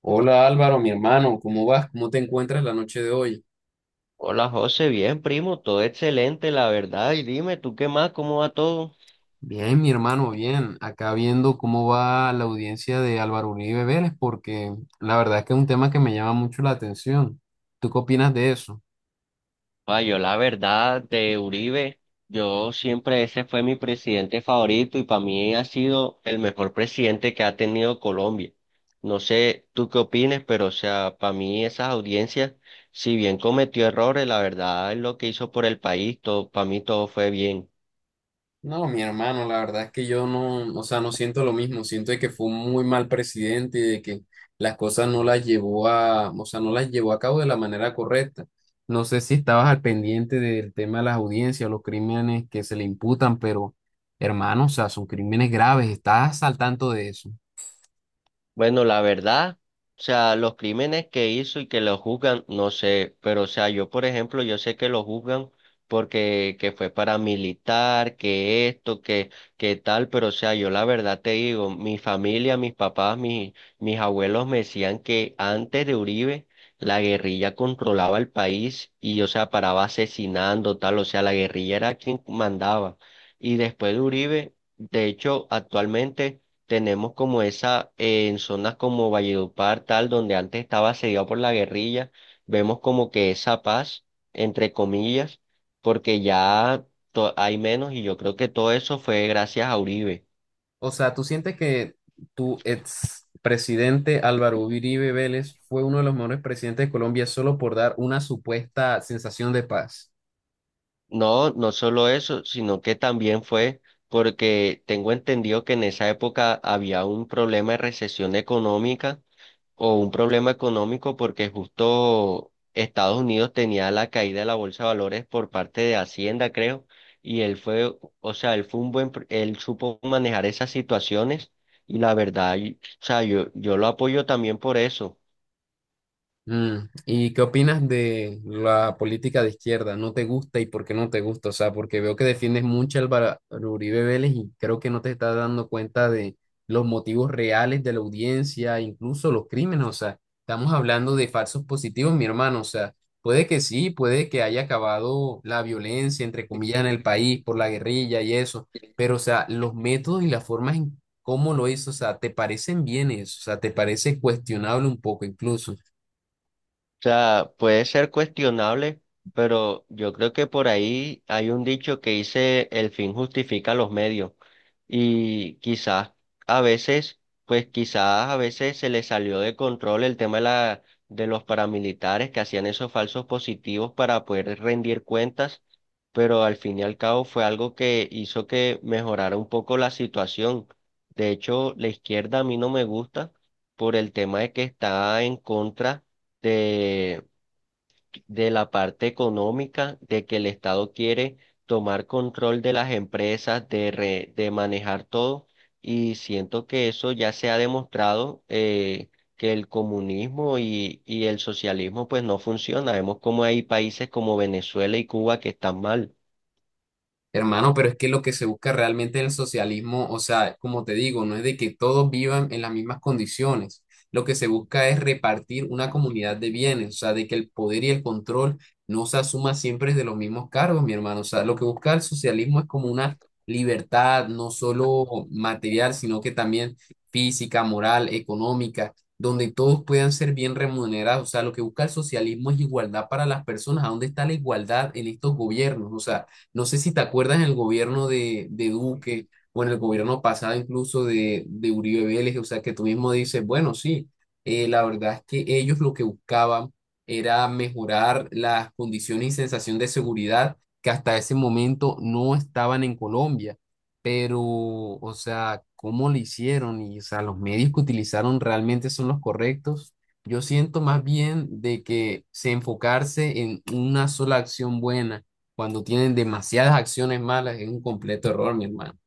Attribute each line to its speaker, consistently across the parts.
Speaker 1: Hola Álvaro, mi hermano, ¿cómo vas? ¿Cómo te encuentras la noche de hoy?
Speaker 2: Hola José, bien primo, todo excelente, la verdad. Y dime, ¿tú qué más? ¿Cómo va todo?
Speaker 1: Bien, mi hermano, bien. Acá viendo cómo va la audiencia de Álvaro Uribe Vélez, porque la verdad es que es un tema que me llama mucho la atención. ¿Tú qué opinas de eso?
Speaker 2: Pa, yo la verdad de Uribe, yo siempre ese fue mi presidente favorito y para mí ha sido el mejor presidente que ha tenido Colombia. No sé tú qué opines, pero o sea, para mí esas audiencias, si bien cometió errores, la verdad es lo que hizo por el país, todo, para mí todo fue bien.
Speaker 1: No, mi hermano, la verdad es que yo no, o sea, no siento lo mismo, siento de que fue un muy mal presidente y de que las cosas no las llevó a, o sea, no las llevó a cabo de la manera correcta. No sé si estabas al pendiente del tema de las audiencias, los crímenes que se le imputan, pero hermano, o sea, son crímenes graves, estás al tanto de eso.
Speaker 2: Bueno, la verdad, o sea, los crímenes que hizo y que lo juzgan, no sé, pero o sea, yo por ejemplo, yo sé que lo juzgan porque que fue paramilitar, que esto, que tal, pero o sea, yo la verdad te digo, mi familia, mis papás, mis abuelos me decían que antes de Uribe, la guerrilla controlaba el país y, o sea, paraba asesinando, tal, o sea, la guerrilla era quien mandaba. Y después de Uribe, de hecho, actualmente tenemos como esa, en zonas como Valledupar, tal, donde antes estaba asediado por la guerrilla, vemos como que esa paz, entre comillas, porque ya hay menos y yo creo que todo eso fue gracias a Uribe.
Speaker 1: O sea, ¿tú sientes que tu ex presidente Álvaro Uribe Vélez fue uno de los mejores presidentes de Colombia solo por dar una supuesta sensación de paz?
Speaker 2: No, no solo eso, sino que también fue porque tengo entendido que en esa época había un problema de recesión económica o un problema económico porque justo Estados Unidos tenía la caída de la bolsa de valores por parte de Hacienda, creo, y él fue, o sea, él fue un buen, él supo manejar esas situaciones y la verdad, o sea, yo lo apoyo también por eso.
Speaker 1: Mm, ¿y qué opinas de la política de izquierda? ¿No te gusta y por qué no te gusta? O sea, porque veo que defiendes mucho al Álvaro Uribe Vélez y creo que no te estás dando cuenta de los motivos reales de la audiencia, incluso los crímenes. O sea, estamos hablando de falsos positivos, mi hermano. O sea, puede que sí, puede que haya acabado la violencia, entre comillas, en el país por la guerrilla y eso, pero o sea, los métodos y las formas en cómo lo hizo, o sea, ¿te parecen bienes? O sea, ¿te parece cuestionable un poco incluso?
Speaker 2: Sea, puede ser cuestionable, pero yo creo que por ahí hay un dicho que dice el fin justifica los medios. Y quizás a veces, pues quizás a veces se le salió de control el tema de la, de los paramilitares que hacían esos falsos positivos para poder rendir cuentas, pero al fin y al cabo fue algo que hizo que mejorara un poco la situación. De hecho, la izquierda a mí no me gusta por el tema de que está en contra de, de la parte económica, de que el Estado quiere tomar control de las empresas, de, de manejar todo, y siento que eso ya se ha demostrado que el comunismo y el socialismo pues no funciona. Vemos como hay países como Venezuela y Cuba que están mal.
Speaker 1: Hermano, pero es que lo que se busca realmente en el socialismo, o sea, como te digo, no es de que todos vivan en las mismas condiciones. Lo que se busca es repartir una comunidad de bienes, o sea, de que el poder y el control no se asuma siempre de los mismos cargos, mi hermano. O sea, lo que busca el socialismo es como una libertad, no solo material, sino que también física, moral, económica, donde todos puedan ser bien remunerados. O sea, lo que busca el socialismo es igualdad para las personas. ¿A dónde está la igualdad en estos gobiernos? O sea, no sé si te acuerdas en el gobierno de Duque o en el gobierno pasado incluso de Uribe Vélez, o sea, que tú mismo dices, bueno, sí, la verdad es que ellos lo que buscaban era mejorar las condiciones y sensación de seguridad que hasta ese momento no estaban en Colombia. Pero, o sea, ¿cómo lo hicieron? Y, o sea, los medios que utilizaron realmente son los correctos. Yo siento más bien de que se enfocarse en una sola acción buena cuando tienen demasiadas acciones malas es un completo error, mi hermano.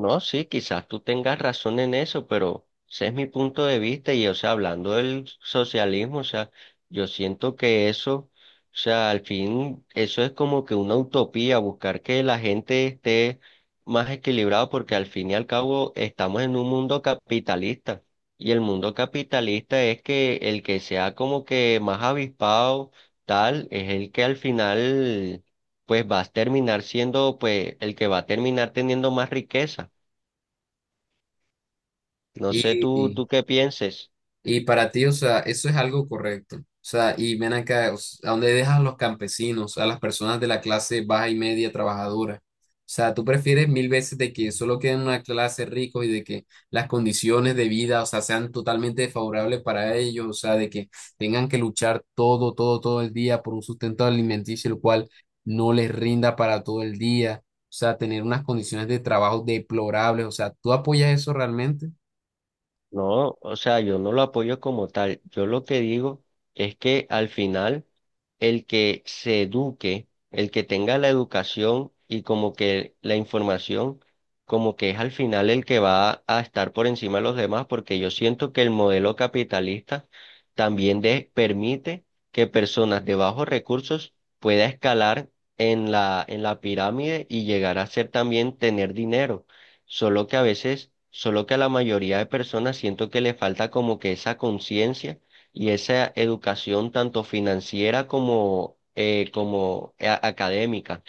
Speaker 2: No, sí, quizás tú tengas razón en eso, pero ese es mi punto de vista y, o sea, hablando del socialismo, o sea, yo siento que eso, o sea, al fin, eso es como que una utopía, buscar que la gente esté más equilibrada, porque al fin y al cabo estamos en un mundo capitalista y el mundo capitalista es que el que sea como que más avispado, tal, es el que al final, pues va a terminar siendo, pues, el que va a terminar teniendo más riqueza. No sé tú,
Speaker 1: Y,
Speaker 2: tú qué pienses.
Speaker 1: Y para ti, o sea, eso es algo correcto. O sea, y ven acá, ¿a dónde dejas a los campesinos, a las personas de la clase baja y media trabajadora? O sea, tú prefieres mil veces de que solo queden una clase ricos y de que las condiciones de vida, o sea, sean totalmente desfavorables para ellos, o sea, de que tengan que luchar todo, todo el día por un sustento alimenticio, el cual no les rinda para todo el día, o sea, tener unas condiciones de trabajo deplorables, o sea, ¿tú apoyas eso realmente?
Speaker 2: No, o sea, yo no lo apoyo como tal. Yo lo que digo es que al final el que se eduque, el que tenga la educación y como que la información, como que es al final el que va a estar por encima de los demás, porque yo siento que el modelo capitalista también permite que personas de bajos recursos pueda escalar en la pirámide y llegar a ser también tener dinero. Solo que a veces, solo que a la mayoría de personas siento que le falta como que esa conciencia y esa educación tanto financiera como, como académica.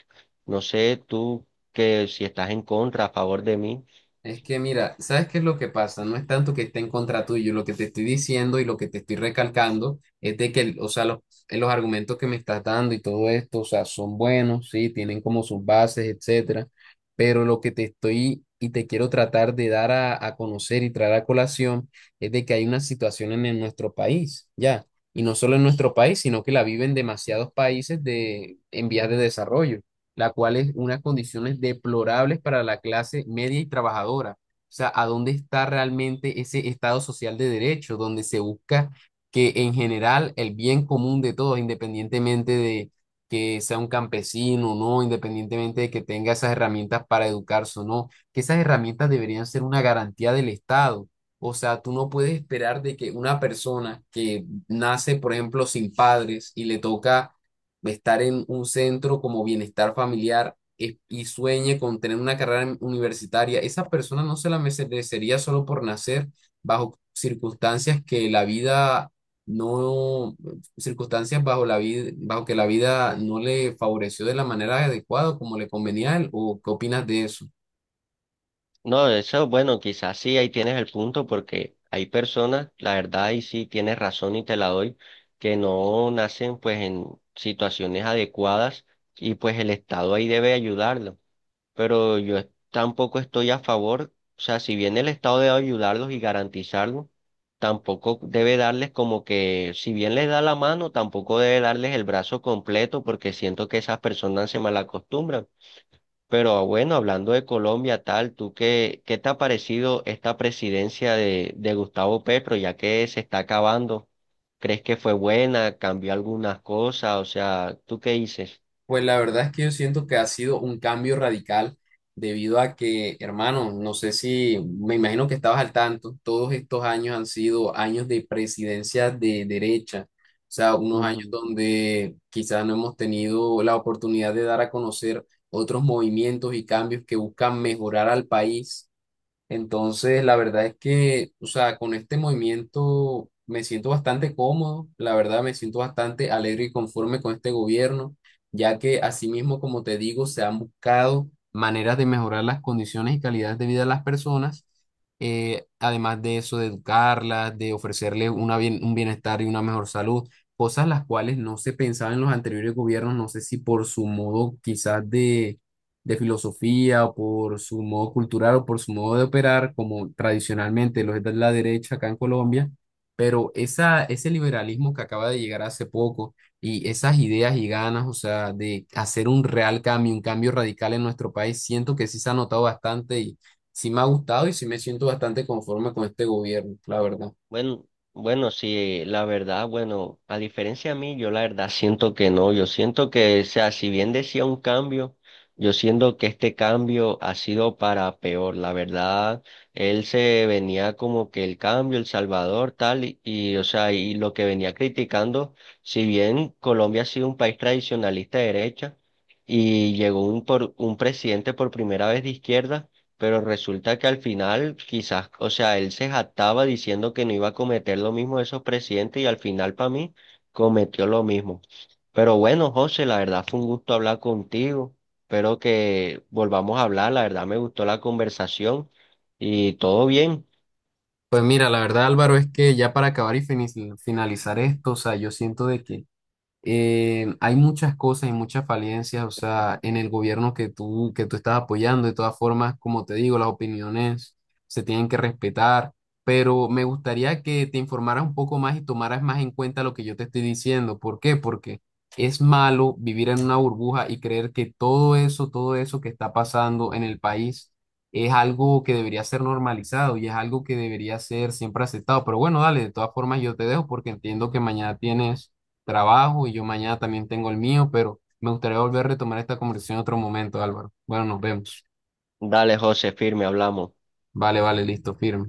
Speaker 2: No sé tú que si estás en contra, a favor de mí.
Speaker 1: Es que mira, ¿sabes qué es lo que pasa? No es tanto que esté en contra tuyo, lo que te estoy diciendo y lo que te estoy recalcando es de que, o sea, los argumentos que me estás dando y todo esto, o sea, son buenos, sí, tienen como sus bases, etcétera, pero lo que te estoy y te quiero tratar de dar a conocer y traer a colación es de que hay una situación en nuestro país, ya, y no solo en nuestro país, sino que la viven demasiados países de, en vías de desarrollo la cual es unas condiciones deplorables para la clase media y trabajadora. O sea, ¿a dónde está realmente ese Estado social de derecho, donde se busca que en general el bien común de todos, independientemente de que sea un campesino o no, independientemente de que tenga esas herramientas para educarse o no, que esas herramientas deberían ser una garantía del Estado? O sea, tú no puedes esperar de que una persona que nace, por ejemplo, sin padres y le toca de estar en un centro como bienestar familiar y sueñe con tener una carrera universitaria, esa persona no se la merecería solo por nacer bajo circunstancias que la vida no, circunstancias bajo la vida, bajo que la vida no le favoreció de la manera adecuada como le convenía a él, ¿o qué opinas de eso?
Speaker 2: No, eso, bueno, quizás sí, ahí tienes el punto porque hay personas, la verdad, y sí tienes razón y te la doy, que no nacen pues en situaciones adecuadas y pues el Estado ahí debe ayudarlo. Pero yo tampoco estoy a favor, o sea, si bien el Estado debe ayudarlos y garantizarlos, tampoco debe darles como que, si bien les da la mano, tampoco debe darles el brazo completo porque siento que esas personas se malacostumbran. Pero ah, bueno, hablando de Colombia, tal, ¿tú qué, qué te ha parecido esta presidencia de Gustavo Petro, ya que se está acabando? ¿Crees que fue buena? ¿Cambió algunas cosas? O sea, ¿tú qué dices?
Speaker 1: Pues la verdad es que yo siento que ha sido un cambio radical debido a que, hermano, no sé si me imagino que estabas al tanto, todos estos años han sido años de presidencia de derecha, o sea, unos años donde quizás no hemos tenido la oportunidad de dar a conocer otros movimientos y cambios que buscan mejorar al país, entonces la verdad es que, o sea, con este movimiento me siento bastante cómodo, la verdad me siento bastante alegre y conforme con este gobierno, ya que asimismo, como te digo, se han buscado maneras de mejorar las condiciones y calidad de vida de las personas, además de eso, de educarlas, de ofrecerles una un bienestar y una mejor salud, cosas las cuales no se pensaba en los anteriores gobiernos, no sé si por su modo quizás de filosofía o por su modo cultural o por su modo de operar, como tradicionalmente lo es la derecha acá en Colombia, pero esa, ese liberalismo que acaba de llegar hace poco y esas ideas y ganas, o sea, de hacer un real cambio, un cambio radical en nuestro país, siento que sí se ha notado bastante y sí me ha gustado y sí me siento bastante conforme con este gobierno, la verdad.
Speaker 2: Bueno, bueno, sí, la verdad, bueno, a diferencia a mí, yo la verdad siento que no, yo siento que, o sea, si bien decía un cambio, yo siento que este cambio ha sido para peor, la verdad, él se venía como que el cambio, El Salvador, tal, y, o sea, y lo que venía criticando, si bien Colombia ha sido un país tradicionalista de derecha y llegó un, por, un presidente por primera vez de izquierda, pero resulta que al final, quizás, o sea, él se jactaba diciendo que no iba a cometer lo mismo de esos presidentes y al final para mí cometió lo mismo. Pero bueno, José, la verdad fue un gusto hablar contigo. Espero que volvamos a hablar. La verdad me gustó la conversación y todo bien.
Speaker 1: Pues mira, la verdad, Álvaro, es que ya para acabar y finalizar esto, o sea, yo siento de que hay muchas cosas y muchas falencias, o sea, en el gobierno que tú estás apoyando. De todas formas, como te digo, las opiniones se tienen que respetar, pero me gustaría que te informaras un poco más y tomaras más en cuenta lo que yo te estoy diciendo. ¿Por qué? Porque es malo vivir en una burbuja y creer que todo eso que está pasando en el país es algo que debería ser normalizado y es algo que debería ser siempre aceptado. Pero bueno, dale, de todas formas yo te dejo porque entiendo que mañana tienes trabajo y yo mañana también tengo el mío, pero me gustaría volver a retomar esta conversación en otro momento, Álvaro. Bueno, nos vemos.
Speaker 2: Dale, José, firme, hablamos.
Speaker 1: Vale, vale, listo, firme.